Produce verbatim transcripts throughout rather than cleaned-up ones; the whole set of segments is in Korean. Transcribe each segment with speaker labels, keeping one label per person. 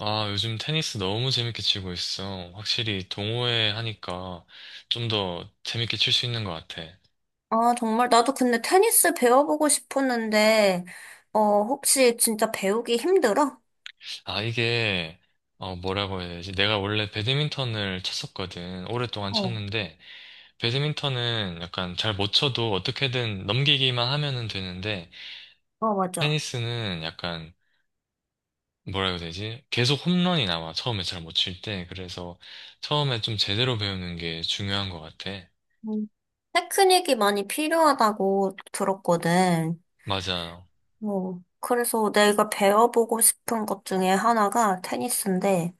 Speaker 1: 아, 요즘 테니스 너무 재밌게 치고 있어. 확실히 동호회 하니까 좀 더 재밌게 칠 수 있는 것 같아.
Speaker 2: 아, 정말. 나도 근데 테니스 배워보고 싶었는데, 어, 혹시 진짜 배우기 힘들어?
Speaker 1: 아, 이게, 어, 뭐라고 해야 되지? 내가 원래 배드민턴을 쳤었거든. 오랫동안
Speaker 2: 어,
Speaker 1: 쳤는데, 배드민턴은 약간 잘 못 쳐도 어떻게든 넘기기만 하면은 되는데,
Speaker 2: 어, 맞아.
Speaker 1: 테니스는 약간, 뭐라고 해야 되지? 계속 홈런이 나와. 처음에 잘 못 칠 때. 그래서 처음에 좀 제대로 배우는 게 중요한 것 같아.
Speaker 2: 음, 테크닉이 많이 필요하다고 들었거든.
Speaker 1: 맞아.
Speaker 2: 뭐, 그래서 내가 배워보고 싶은 것 중에 하나가 테니스인데,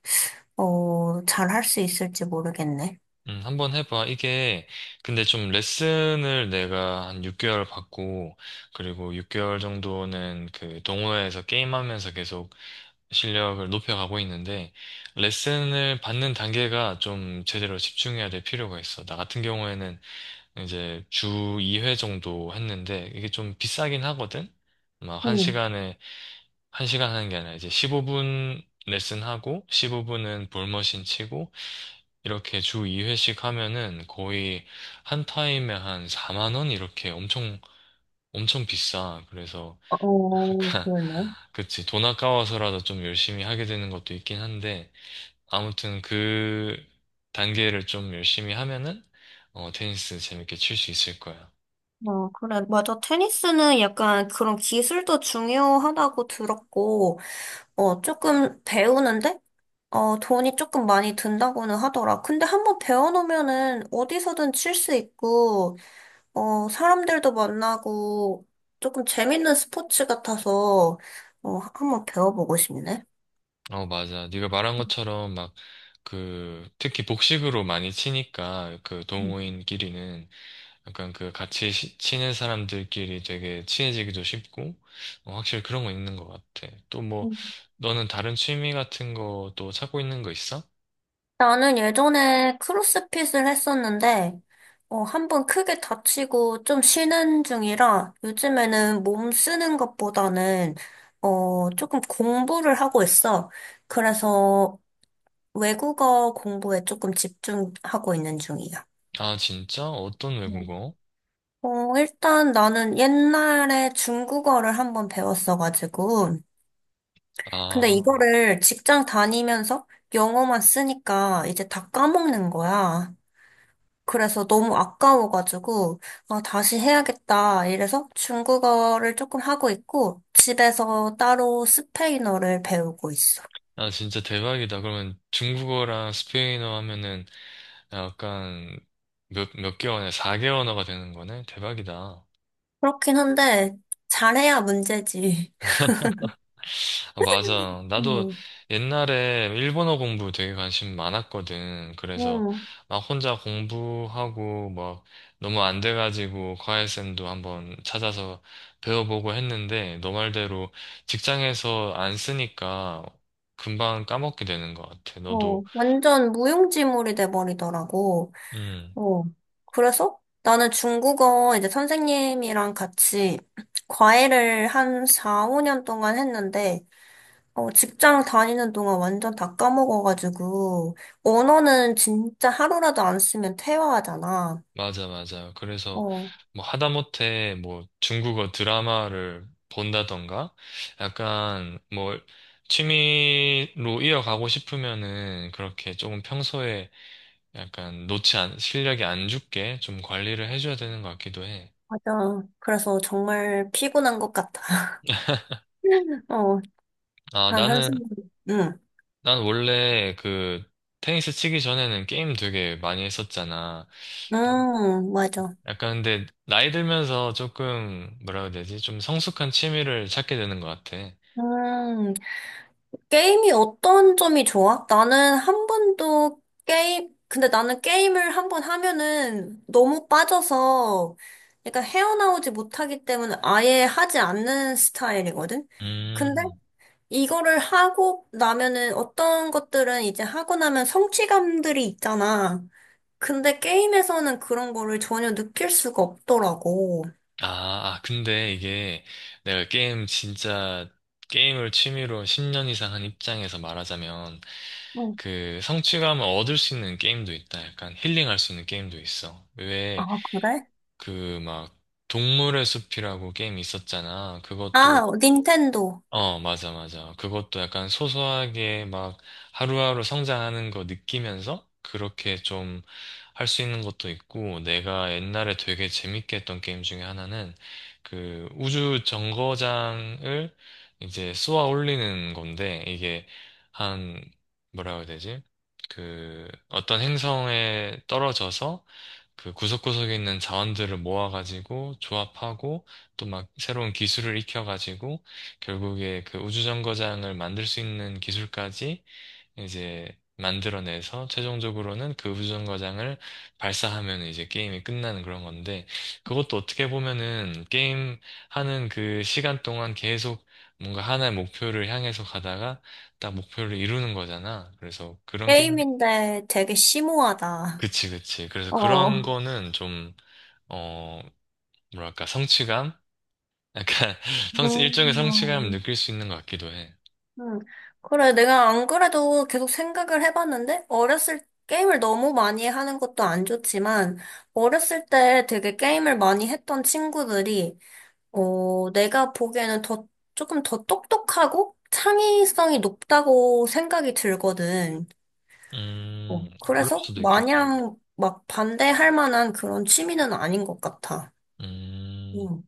Speaker 2: 어, 잘 할 수 있을지 모르겠네.
Speaker 1: 음, 한번 해봐. 이게, 근데 좀 레슨을 내가 한 육 개월 받고, 그리고 육 개월 정도는 그 동호회에서 게임하면서 계속 실력을 높여가고 있는데, 레슨을 받는 단계가 좀 제대로 집중해야 될 필요가 있어. 나 같은 경우에는 이제 주 이 회 정도 했는데, 이게 좀 비싸긴 하거든? 막 한
Speaker 2: 응.
Speaker 1: 시간에, 한 시간 하는 게 아니라 이제 십오 분 레슨하고, 십오 분은 볼머신 치고, 이렇게 주 이 회씩 하면은 거의 한 타임에 한 사만 원 이렇게 엄청 엄청 비싸. 그래서
Speaker 2: 어,
Speaker 1: 약간
Speaker 2: 그러네.
Speaker 1: 그치, 돈 아까워서라도 좀 열심히 하게 되는 것도 있긴 한데 아무튼 그 단계를 좀 열심히 하면은 어, 테니스 재밌게 칠 수 있을 거야.
Speaker 2: 어, 그래. 맞아. 테니스는 약간 그런 기술도 중요하다고 들었고, 어, 조금 배우는데 어, 돈이 조금 많이 든다고는 하더라. 근데 한번 배워놓으면은 어디서든 칠 수 있고, 어, 사람들도 만나고, 조금 재밌는 스포츠 같아서, 어, 한번 배워보고 싶네.
Speaker 1: 어 맞아. 네가 말한 것처럼 막 그 특히 복식으로 많이 치니까 그
Speaker 2: 음.
Speaker 1: 동호인끼리는 약간 그 같이 시- 친한 사람들끼리 되게 친해지기도 쉽고, 어, 확실히 그런 건 있는 것 같아. 또 뭐,
Speaker 2: 음.
Speaker 1: 너는 다른 취미 같은 거 또 찾고 있는 거 있어?
Speaker 2: 나는 예전에 크로스핏을 했었는데, 어, 한번 크게 다치고 좀 쉬는 중이라 요즘에는 몸 쓰는 것보다는, 어, 조금 공부를 하고 있어. 그래서 외국어 공부에 조금 집중하고 있는 중이야.
Speaker 1: 아, 진짜? 어떤
Speaker 2: 음.
Speaker 1: 외국어?
Speaker 2: 어, 일단 나는 옛날에 중국어를 한번 배웠어가지고, 근데
Speaker 1: 아,
Speaker 2: 이거를 직장 다니면서 영어만 쓰니까 이제 다 까먹는 거야. 그래서 너무 아까워가지고, 아, 다시 해야겠다. 이래서 중국어를 조금 하고 있고, 집에서 따로 스페인어를 배우고 있어.
Speaker 1: 아, 진짜 대박이다. 그러면 중국어랑 스페인어 하면은 약간 몇, 몇 개월에 네 언어가 되는 거네? 대박이다.
Speaker 2: 그렇긴 한데, 잘해야 문제지.
Speaker 1: 아, 맞아. 나도
Speaker 2: 음.
Speaker 1: 옛날에 일본어 공부 되게 관심 많았거든. 그래서
Speaker 2: 음.
Speaker 1: 막 혼자 공부하고 막 너무 안 돼가지고 과외쌤도 한번 찾아서 배워보고 했는데 너 말대로 직장에서 안 쓰니까 금방 까먹게 되는 것 같아.
Speaker 2: 어,
Speaker 1: 너도,
Speaker 2: 완전 무용지물이 돼버리더라고.
Speaker 1: 음,
Speaker 2: 어, 그래서 나는 중국어 이제 선생님이랑 같이 과외를 한 사, 오 년 동안 했는데, 어, 직장 다니는 동안 완전 다 까먹어가지고, 언어는 진짜 하루라도 안 쓰면 퇴화하잖아.
Speaker 1: 맞아, 맞아. 그래서
Speaker 2: 어,
Speaker 1: 뭐 하다못해 뭐 중국어 드라마를 본다던가 약간 뭐 취미로 이어가고 싶으면은 그렇게 조금 평소에 약간 놓지 않, 실력이 안 죽게 좀 관리를 해줘야 되는 것 같기도 해.
Speaker 2: 맞아. 그래서 정말 피곤한 것 같아. 어,
Speaker 1: 아,
Speaker 2: 난
Speaker 1: 나는,
Speaker 2: 한숨, 응,
Speaker 1: 난 원래 그 테니스 치기 전에는 게임 되게 많이 했었잖아.
Speaker 2: 음, 맞아.
Speaker 1: 약간 근데 나이 들면서 조금 뭐라 해야 되지? 좀 성숙한 취미를 찾게 되는 것 같아.
Speaker 2: 음, 게임이 어떤 점이 좋아? 나는 한 번도 게임, 근데 나는 게임을 한 번 하면은 너무 빠져서 약간 헤어나오지 못하기 때문에 아예 하지 않는 스타일이거든? 근데
Speaker 1: 음.
Speaker 2: 이거를 하고 나면은 어떤 것들은 이제 하고 나면 성취감들이 있잖아. 근데 게임에서는 그런 거를 전혀 느낄 수가 없더라고.
Speaker 1: 아, 아, 근데 이게 내가 게임 진짜 게임을 취미로 십 년 이상 한 입장에서 말하자면
Speaker 2: 응.
Speaker 1: 그 성취감을 얻을 수 있는 게임도 있다. 약간 힐링할 수 있는 게임도 있어. 왜
Speaker 2: 아, 그래?
Speaker 1: 그 막 동물의 숲이라고 게임이 있었잖아. 그것도
Speaker 2: 아, 닌텐도.
Speaker 1: 어, 맞아, 맞아. 그것도 약간 소소하게 막 하루하루 성장하는 거 느끼면서 그렇게 좀 할 수 있는 것도 있고, 내가 옛날에 되게 재밌게 했던 게임 중에 하나는 그 우주 정거장을 이제 쏘아 올리는 건데, 이게 한, 뭐라고 해야 되지? 그 어떤 행성에 떨어져서 그 구석구석에 있는 자원들을 모아가지고 조합하고 또 막 새로운 기술을 익혀가지고 결국에 그 우주정거장을 만들 수 있는 기술까지 이제 만들어내서 최종적으로는 그 우주정거장을 발사하면 이제 게임이 끝나는 그런 건데 그것도 어떻게 보면은 게임 하는 그 시간 동안 계속 뭔가 하나의 목표를 향해서 가다가 딱 목표를 이루는 거잖아. 그래서 그런 게임,
Speaker 2: 게임인데 되게 심오하다.
Speaker 1: 그치, 그치. 그래서
Speaker 2: 어.
Speaker 1: 그런 거는 좀, 어, 뭐랄까, 성취감? 약간 성취, 일종의 성취감을
Speaker 2: 음.
Speaker 1: 느낄 수 있는 것 같기도 해.
Speaker 2: 음. 그래, 내가 안 그래도 계속 생각을 해봤는데, 어렸을, 게임을 너무 많이 하는 것도 안 좋지만, 어렸을 때 되게 게임을 많이 했던 친구들이, 어, 내가 보기에는 더, 조금 더 똑똑하고 창의성이 높다고 생각이 들거든. 어,
Speaker 1: 음, 그럴
Speaker 2: 그래서
Speaker 1: 수도 있겠다.
Speaker 2: 마냥 막 반대할 만한 그런 취미는 아닌 것 같아.
Speaker 1: 음,
Speaker 2: 음.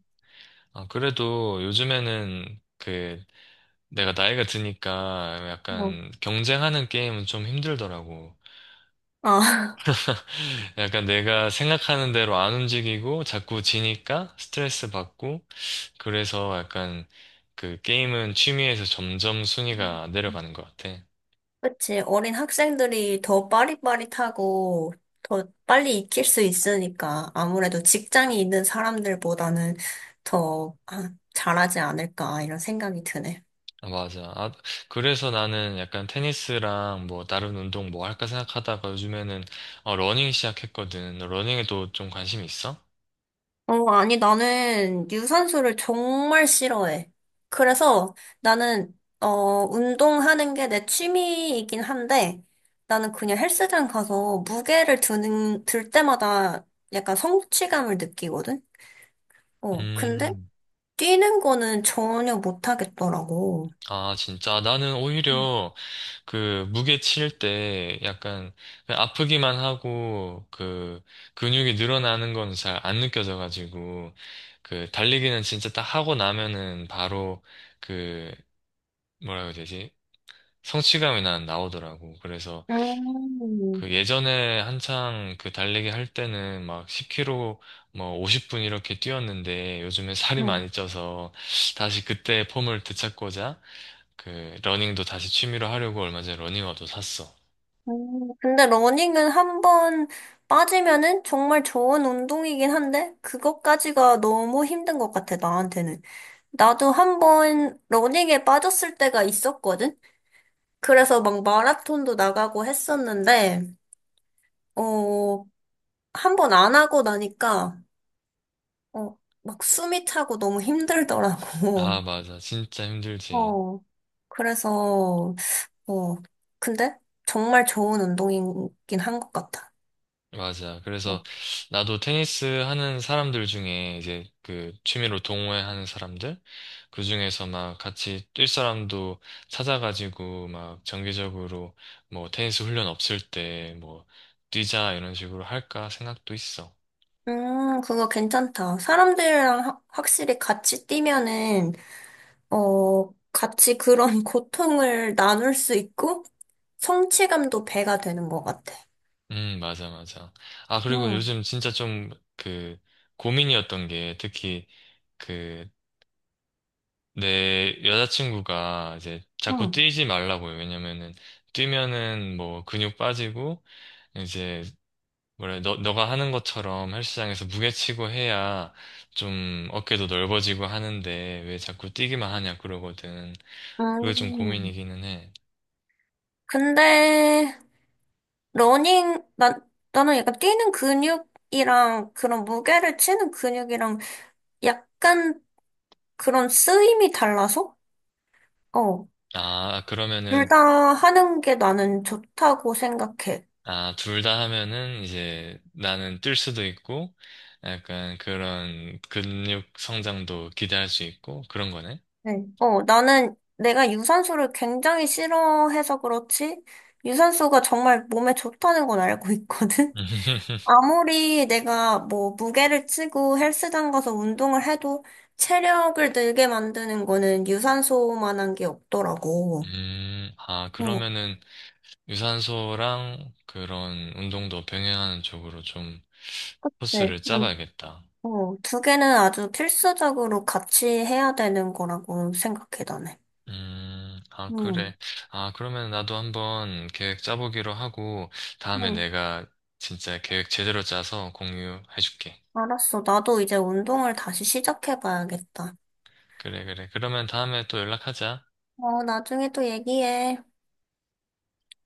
Speaker 1: 아, 그래도 요즘에는 그 내가 나이가 드니까
Speaker 2: 어.
Speaker 1: 약간 경쟁하는 게임은 좀 힘들더라고.
Speaker 2: 아.
Speaker 1: 약간 내가 생각하는 대로 안 움직이고 자꾸 지니까 스트레스 받고 그래서 약간 그 게임은 취미에서 점점 순위가 내려가는 것 같아.
Speaker 2: 그치. 어린 학생들이 더 빠릿빠릿하고 더 빨리 익힐 수 있으니까 아무래도 직장이 있는 사람들보다는 더 아, 잘하지 않을까 이런 생각이 드네.
Speaker 1: 아, 맞아. 아, 그래서 나는 약간 테니스랑 뭐 다른 운동 뭐 할까 생각하다가 요즘에는 어, 러닝 시작했거든. 너 러닝에도 좀 관심 있어?
Speaker 2: 어, 아니, 나는 유산소를 정말 싫어해. 그래서 나는, 어, 운동하는 게 내 취미이긴 한데 나는 그냥 헬스장 가서 무게를 드는, 들 때마다 약간 성취감을 느끼거든? 어, 근데
Speaker 1: 음,
Speaker 2: 뛰는 거는 전혀 못 하겠더라고.
Speaker 1: 아, 진짜. 나는
Speaker 2: 음.
Speaker 1: 오히려 그 무게 칠 때 약간 그냥 아프기만 하고 그 근육이 늘어나는 건 잘 안 느껴져가지고 그 달리기는 진짜 딱 하고 나면은 바로 그 뭐라고 해야 되지? 성취감이 난 나오더라고. 그래서
Speaker 2: 음.
Speaker 1: 그 예전에 한창 그 달리기 할 때는 막 십 킬로미터 뭐 오십 분 이렇게 뛰었는데 요즘에 살이 많이
Speaker 2: 음.
Speaker 1: 쪄서 다시 그때 폼을 되찾고자 그 러닝도 다시 취미로 하려고 얼마 전에 러닝화도 샀어.
Speaker 2: 음, 근데 러닝은 한 번 빠지면은 정말 좋은 운동이긴 한데, 그것까지가 너무 힘든 것 같아, 나한테는. 나도 한 번 러닝에 빠졌을 때가 있었거든? 그래서 막 마라톤도 나가고 했었는데, 어, 한 번 안 하고 나니까, 어, 막 숨이 차고 너무 힘들더라고.
Speaker 1: 아, 맞아. 진짜 힘들지.
Speaker 2: 어, 그래서, 어, 근데 정말 좋은 운동이긴 한 것 같아.
Speaker 1: 맞아.
Speaker 2: 어.
Speaker 1: 그래서 나도 테니스 하는 사람들 중에 이제 그 취미로 동호회하는 사람들 그 중에서 막 같이 뛸 사람도 찾아가지고 막 정기적으로 뭐 테니스 훈련 없을 때 뭐 뛰자 이런 식으로 할까 생각도 있어.
Speaker 2: 음, 그거 괜찮다. 사람들이랑 하- 확실히 같이 뛰면은, 어, 같이 그런 고통을 나눌 수 있고, 성취감도 배가 되는 것 같아.
Speaker 1: 음, 맞아, 맞아. 아, 그리고
Speaker 2: 응.
Speaker 1: 요즘 진짜 좀 그 고민이었던 게 특히 그 내 여자친구가 이제 자꾸
Speaker 2: 응.
Speaker 1: 뛰지 말라고요. 왜냐면은 뛰면은 뭐 근육 빠지고 이제 뭐래. 너 너가 하는 것처럼 헬스장에서 무게치고 해야 좀 어깨도 넓어지고 하는데 왜 자꾸 뛰기만 하냐 그러거든. 그게 좀
Speaker 2: 음,
Speaker 1: 고민이기는 해.
Speaker 2: 근데, 러닝, 나, 나는 약간 뛰는 근육이랑 그런 무게를 치는 근육이랑 약간 그런 쓰임이 달라서? 어,
Speaker 1: 아,
Speaker 2: 둘
Speaker 1: 그러면은
Speaker 2: 다 하는 게 나는 좋다고 생각해.
Speaker 1: 아, 둘 다 하면은 이제 나는 뛸 수도 있고 약간 그런 근육 성장도 기대할 수 있고 그런 거네.
Speaker 2: 네. 어, 나는 내가 유산소를 굉장히 싫어해서 그렇지, 유산소가 정말 몸에 좋다는 건 알고 있거든? 아무리 내가 뭐 무게를 치고 헬스장 가서 운동을 해도 체력을 늘게 만드는 거는 유산소만한 게 없더라고.
Speaker 1: 음, 아,
Speaker 2: 어,
Speaker 1: 그러면은 유산소랑 그런 운동도 병행하는 쪽으로 좀
Speaker 2: 네.
Speaker 1: 코스를
Speaker 2: 난,
Speaker 1: 짜봐야겠다.
Speaker 2: 어, 두 개는 아주 필수적으로 같이 해야 되는 거라고 생각해, 나는.
Speaker 1: 음, 아,
Speaker 2: 음.
Speaker 1: 그래. 아, 그러면 나도 한번 계획 짜보기로 하고, 다음에
Speaker 2: 음.
Speaker 1: 내가 진짜 계획 제대로 짜서 공유해줄게.
Speaker 2: 알았어. 나도 이제 운동을 다시 시작해봐야겠다.
Speaker 1: 그래, 그래. 그러면 다음에 또 연락하자.
Speaker 2: 어, 나중에 또 얘기해.